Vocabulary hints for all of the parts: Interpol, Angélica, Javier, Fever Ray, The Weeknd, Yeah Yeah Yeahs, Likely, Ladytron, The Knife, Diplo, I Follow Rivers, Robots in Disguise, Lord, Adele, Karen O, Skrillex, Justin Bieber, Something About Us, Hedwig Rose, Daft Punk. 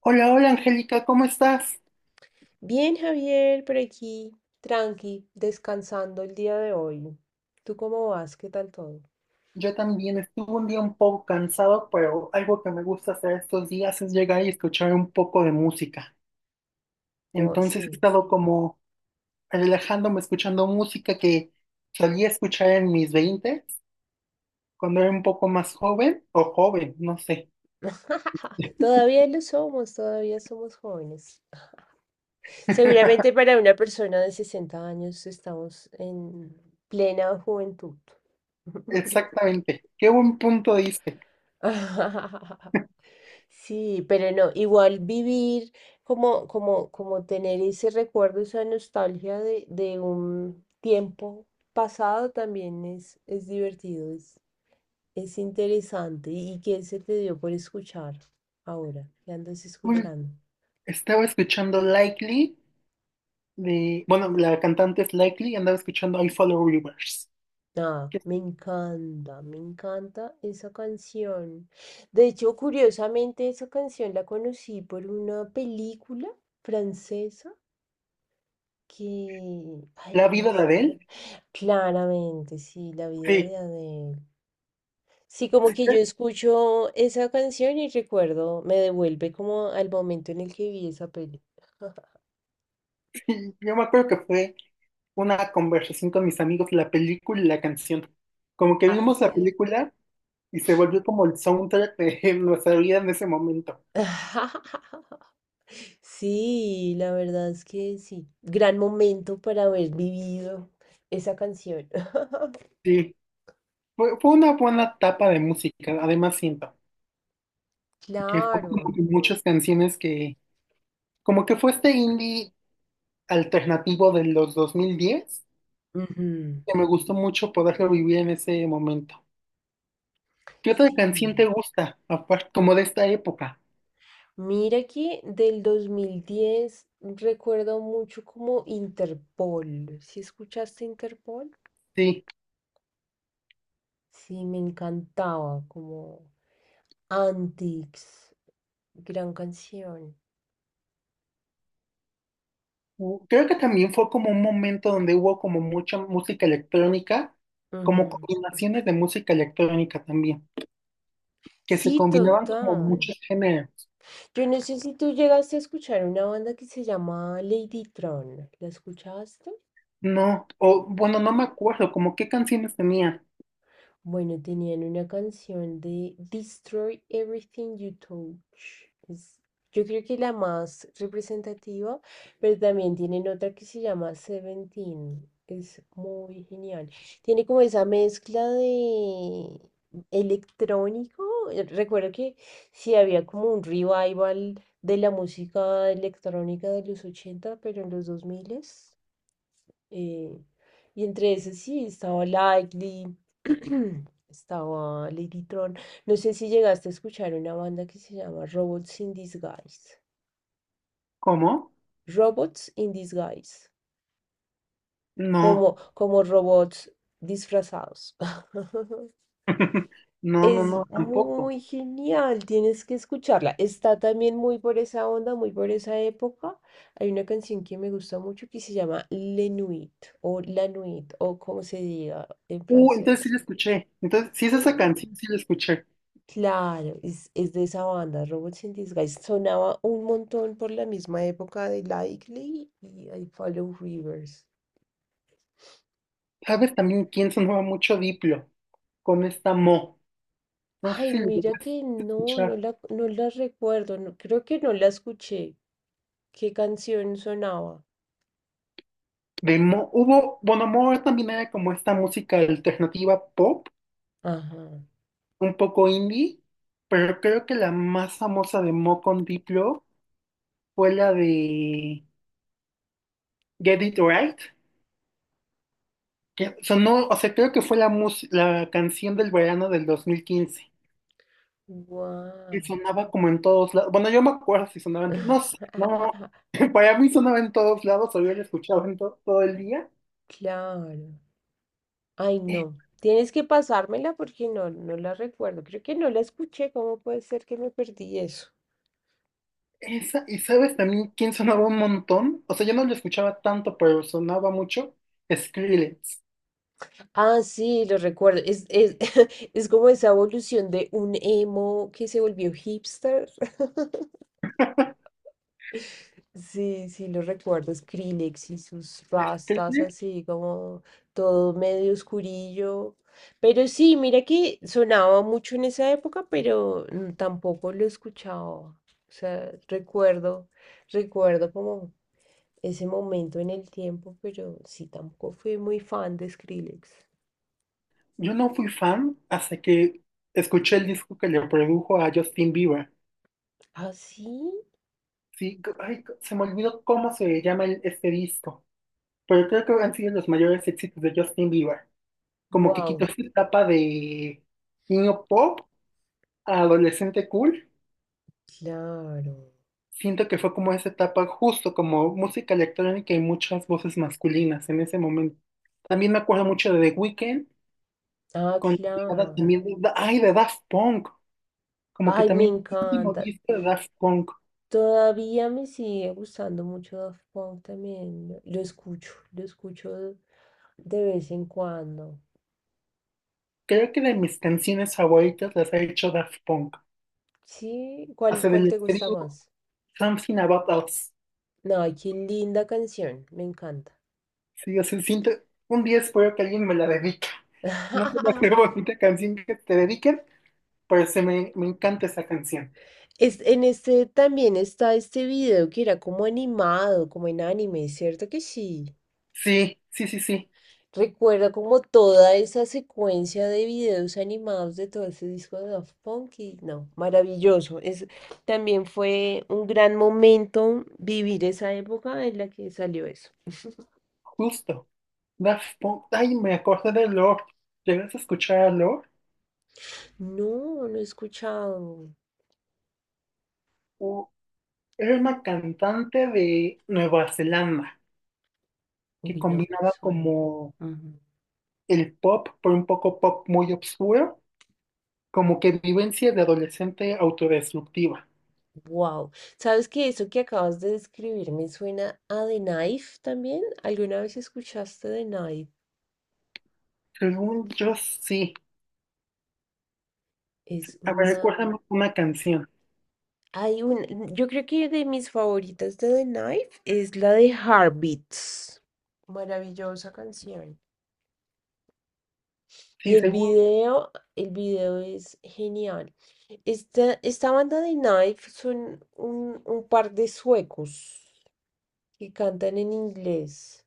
Hola, hola Angélica, ¿cómo estás? Bien, Javier, por aquí, tranqui, descansando el día de hoy. ¿Tú cómo vas? ¿Qué tal todo? Yo también estuve un día un poco cansado, pero algo que me gusta hacer estos días es llegar y escuchar un poco de música. Oh, Entonces he sí. estado como relajándome escuchando música que solía escuchar en mis 20, cuando era un poco más joven, o joven, no sé. Todavía lo somos, todavía somos jóvenes. Seguramente para una persona de 60 años estamos en plena juventud. Exactamente. Qué buen punto diste. Sí, pero no, igual vivir como tener ese recuerdo, esa nostalgia de un tiempo pasado también es, es interesante. ¿Y qué se te dio por escuchar ahora? ¿Qué andas Un- escuchando? Estaba escuchando Likely de, bueno, la cantante es Likely y andaba escuchando I Follow Rivers, Ah, que es... me encanta esa canción. De hecho, curiosamente, esa canción la conocí por una película francesa. Que, ay, La ¿cómo vida de es? Adele. Claramente, sí, la vida Sí. de Adele. Sí, como que yo escucho esa canción y recuerdo, me devuelve como al momento en el que vi esa peli. Sí, yo me acuerdo que fue una conversación con mis amigos, la película y la canción. Como que vimos la Hace- película y se volvió como el soundtrack de nuestra vida en ese momento. Sí, la verdad es que sí. Gran momento para haber vivido esa canción. Sí, fue una buena etapa de música. Además, siento que fue Claro. como que muchas canciones que, como que fue este indie alternativo de los 2010, Ujú. que me gustó mucho poderlo vivir en ese momento. ¿Qué otra Sí. canción te gusta, aparte, como de esta época? Mira que del 2010 recuerdo mucho como Interpol. ¿Si escuchaste Interpol? Sí. Sí, me encantaba, como Antics, gran canción. Creo que también fue como un momento donde hubo como mucha música electrónica, como Ujú. combinaciones de música electrónica también, que se Sí, combinaban como total. muchos géneros. Yo no sé si tú llegaste a escuchar una banda que se llama Lady Tron. ¿La escuchaste? No, o bueno, no me acuerdo, como qué canciones tenía. Bueno, tenían una canción de Destroy Everything You Touch. Es, yo creo que la más representativa, pero también tienen otra que se llama Seventeen. Es muy genial. Tiene como esa mezcla de electrónico. Recuerdo que sí había como un revival de la música electrónica de los 80, pero en los 2000. eh, y entre esas sí, estaba Likely, estaba Ladytron. No sé si llegaste a escuchar una banda que se llama Robots in Disguise. ¿Cómo? Robots in Disguise. No, Como, como robots disfrazados. no, no, Es no, tampoco. muy genial, tienes que escucharla. Está también muy por esa onda, muy por esa época. Hay una canción que me gusta mucho que se llama Le Nuit o La Nuit o como se diga en Entonces sí francés. la escuché. Entonces, sí es esa Sí. canción, sí la escuché. Claro, es de esa banda, Robots in Disguise. Sonaba un montón por la misma época de Likely y I Follow Rivers. ¿Sabes también quién sonaba mucho? Diplo, con esta Mo. No sé Ay, si lo mira llegaste que a no, escuchar. No la recuerdo, no, creo que no la escuché. ¿Qué canción sonaba? Hubo, bueno, Moore también era como esta música alternativa pop, Ajá. un poco indie, pero creo que la más famosa de Mo con Diplo fue la de Get It Right, que sonó, o sea, creo que fue la, la canción del verano del 2015, Wow. y sonaba como en todos lados. Bueno, yo me acuerdo si sonaba en todos, no sé, no. Para mí sonaba en todos lados, o yo la escuchaba en todo el día. Claro. Ay, no. Tienes que pasármela porque no, no la recuerdo. Creo que no la escuché. ¿Cómo puede ser que me perdí eso? Esa, y sabes también quién sonaba un montón, o sea, yo no lo escuchaba tanto, pero sonaba mucho, Skrillex. Ah, sí, lo recuerdo. Es como esa evolución de un emo que se volvió hipster. Sí, sí, lo recuerdo. Skrillex y sus rastas Skrillex, así como todo medio oscurillo. Pero sí, mira que sonaba mucho en esa época, pero tampoco lo escuchaba. O sea, recuerdo como ese momento en el tiempo, pero sí, tampoco fui muy fan de Skrillex. yo no fui fan hasta que escuché el disco que le produjo a Justin Bieber. Ah, sí. Sí, ay, se me olvidó cómo se llama este disco, pero creo que han sido los mayores éxitos de Justin Bieber. Como que quitó Wow, esa etapa de niño pop a adolescente cool. claro. Siento que fue como esa etapa, justo como música electrónica y muchas voces masculinas en ese momento. También me acuerdo mucho de The Weeknd, Ah, con la llegada claro. también de, ay, de Daft Punk, como que Ay, me también el último encanta. disco de Daft Punk. Todavía me sigue gustando mucho Daft Punk también. Lo escucho de vez en cuando. Creo que de mis canciones favoritas las ha hecho Daft Punk. Sí, ¿cuál, Hace cuál del te gusta escribo más? Something About Us. No, qué linda canción, me encanta. Sí, o sea, siento, un día espero que alguien me la dedique. No sé la qué bonita canción que te dediquen, pero me encanta esa canción. Es, en este también está este video que era como animado, como en anime, ¿cierto que sí? Sí, sí, sí, sí, Recuerda como toda esa secuencia de videos animados de todo ese disco de Daft Punk y no, maravilloso. Es, también fue un gran momento vivir esa época en la que salió eso. justo. Daft Punk. Ay, me acordé de Lord. ¿Llegas a escuchar a Lord? No, no he escuchado. U- Era una cantante de Nueva Zelanda que Uy, no me combinaba suena. como el pop, pero un poco pop muy obscuro, como que vivencia de adolescente autodestructiva. Wow. ¿Sabes que eso que acabas de describir me suena a The Knife también? ¿Alguna vez escuchaste The Knife? Según yo, sí. Es A ver, una. recuérdame una canción. Hay yo creo que de mis favoritas de The Knife es la de Heartbeats. Maravillosa canción. Y Sí, según. El video es genial. Esta banda de Knife son un par de suecos que cantan en inglés.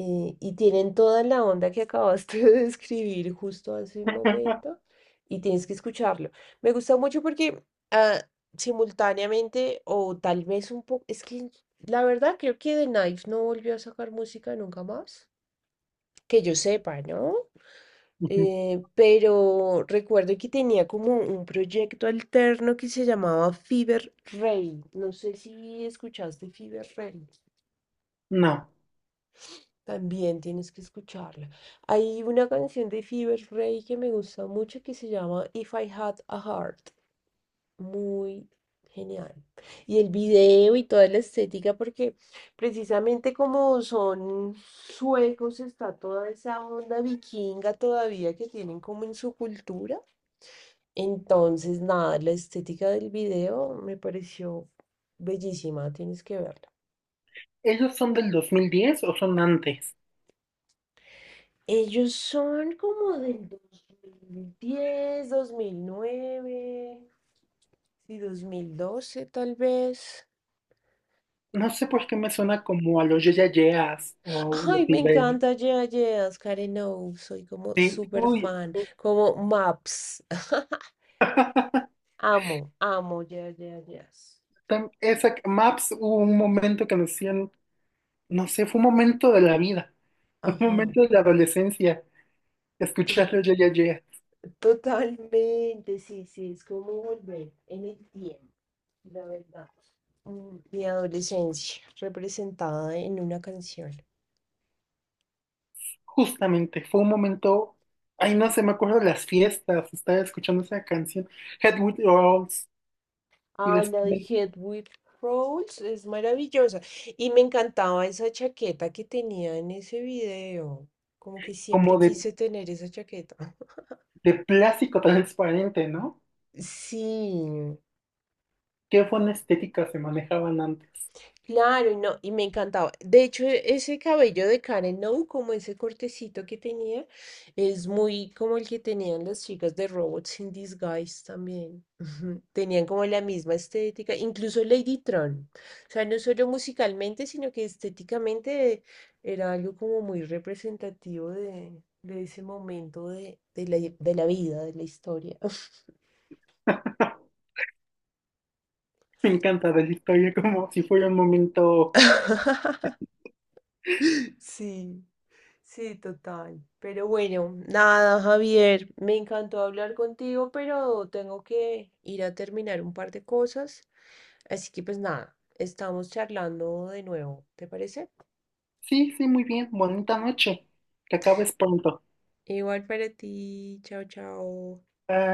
Y tienen toda la onda que acabaste de describir justo hace un momento y tienes que escucharlo. Me gusta mucho porque ah, simultáneamente o tal vez un poco, es que la verdad creo que The Knife no volvió a sacar música nunca más, que yo sepa, ¿no? Ujú. Pero recuerdo que tenía como un proyecto alterno que se llamaba Fever Ray. No sé si escuchaste Fever Ray. No. También tienes que escucharla. Hay una canción de Fever Ray que me gusta mucho que se llama If I Had a Heart. Muy genial. Y el video y toda la estética, porque precisamente como son suecos, está toda esa onda vikinga todavía que tienen como en su cultura. Entonces, nada, la estética del video me pareció bellísima, tienes que verla. ¿Ellos son del 2010 o son antes? Ellos son como del 2010, 2009, sí, 2012 tal vez. No sé por qué me suena como a los Yeya Yeas o los Ay, me Silverio. encanta Yeah Yeahs, Karen O, soy como Sí, súper uy, fan, como Maps. Amo, amo Yeah Yeah Yeahs. Esa, Maps, hubo un momento que nos hacían, no sé, fue un momento de la vida, un Ajá, momento de la adolescencia, to- escucharlo ya, ya, ya. totalmente, sí, sí, es como volver en el tiempo, la verdad. Mm, mi adolescencia representada en una canción. Justamente, fue un momento, ay, no sé, me acuerdo de las fiestas, estaba escuchando esa canción, Head with Rolls, y Ay, la de después Hedwig Rose es maravillosa. Y me encantaba esa chaqueta que tenía en ese video. Como que siempre como quise tener esa chaqueta. de plástico transparente, ¿no? Sí, Qué buena estética se manejaban antes. claro, y no, y me encantaba. De hecho, ese cabello de Karen No, como ese cortecito que tenía, es muy como el que tenían las chicas de Robots in Disguise también. Tenían como la misma estética, incluso Lady Tron. O sea, no solo musicalmente, sino que estéticamente era algo como muy representativo de ese momento de, de la vida, de la historia. Me encanta de la historia, como si fuera un momento, Sí. Sí, total. Pero bueno, nada, Javier, me encantó hablar contigo, pero tengo que ir a terminar un par de cosas. Así que pues nada, estamos charlando de nuevo, ¿te parece? sí, sí, muy bien, bonita noche, que acabes pronto. Igual para ti, chao, chao.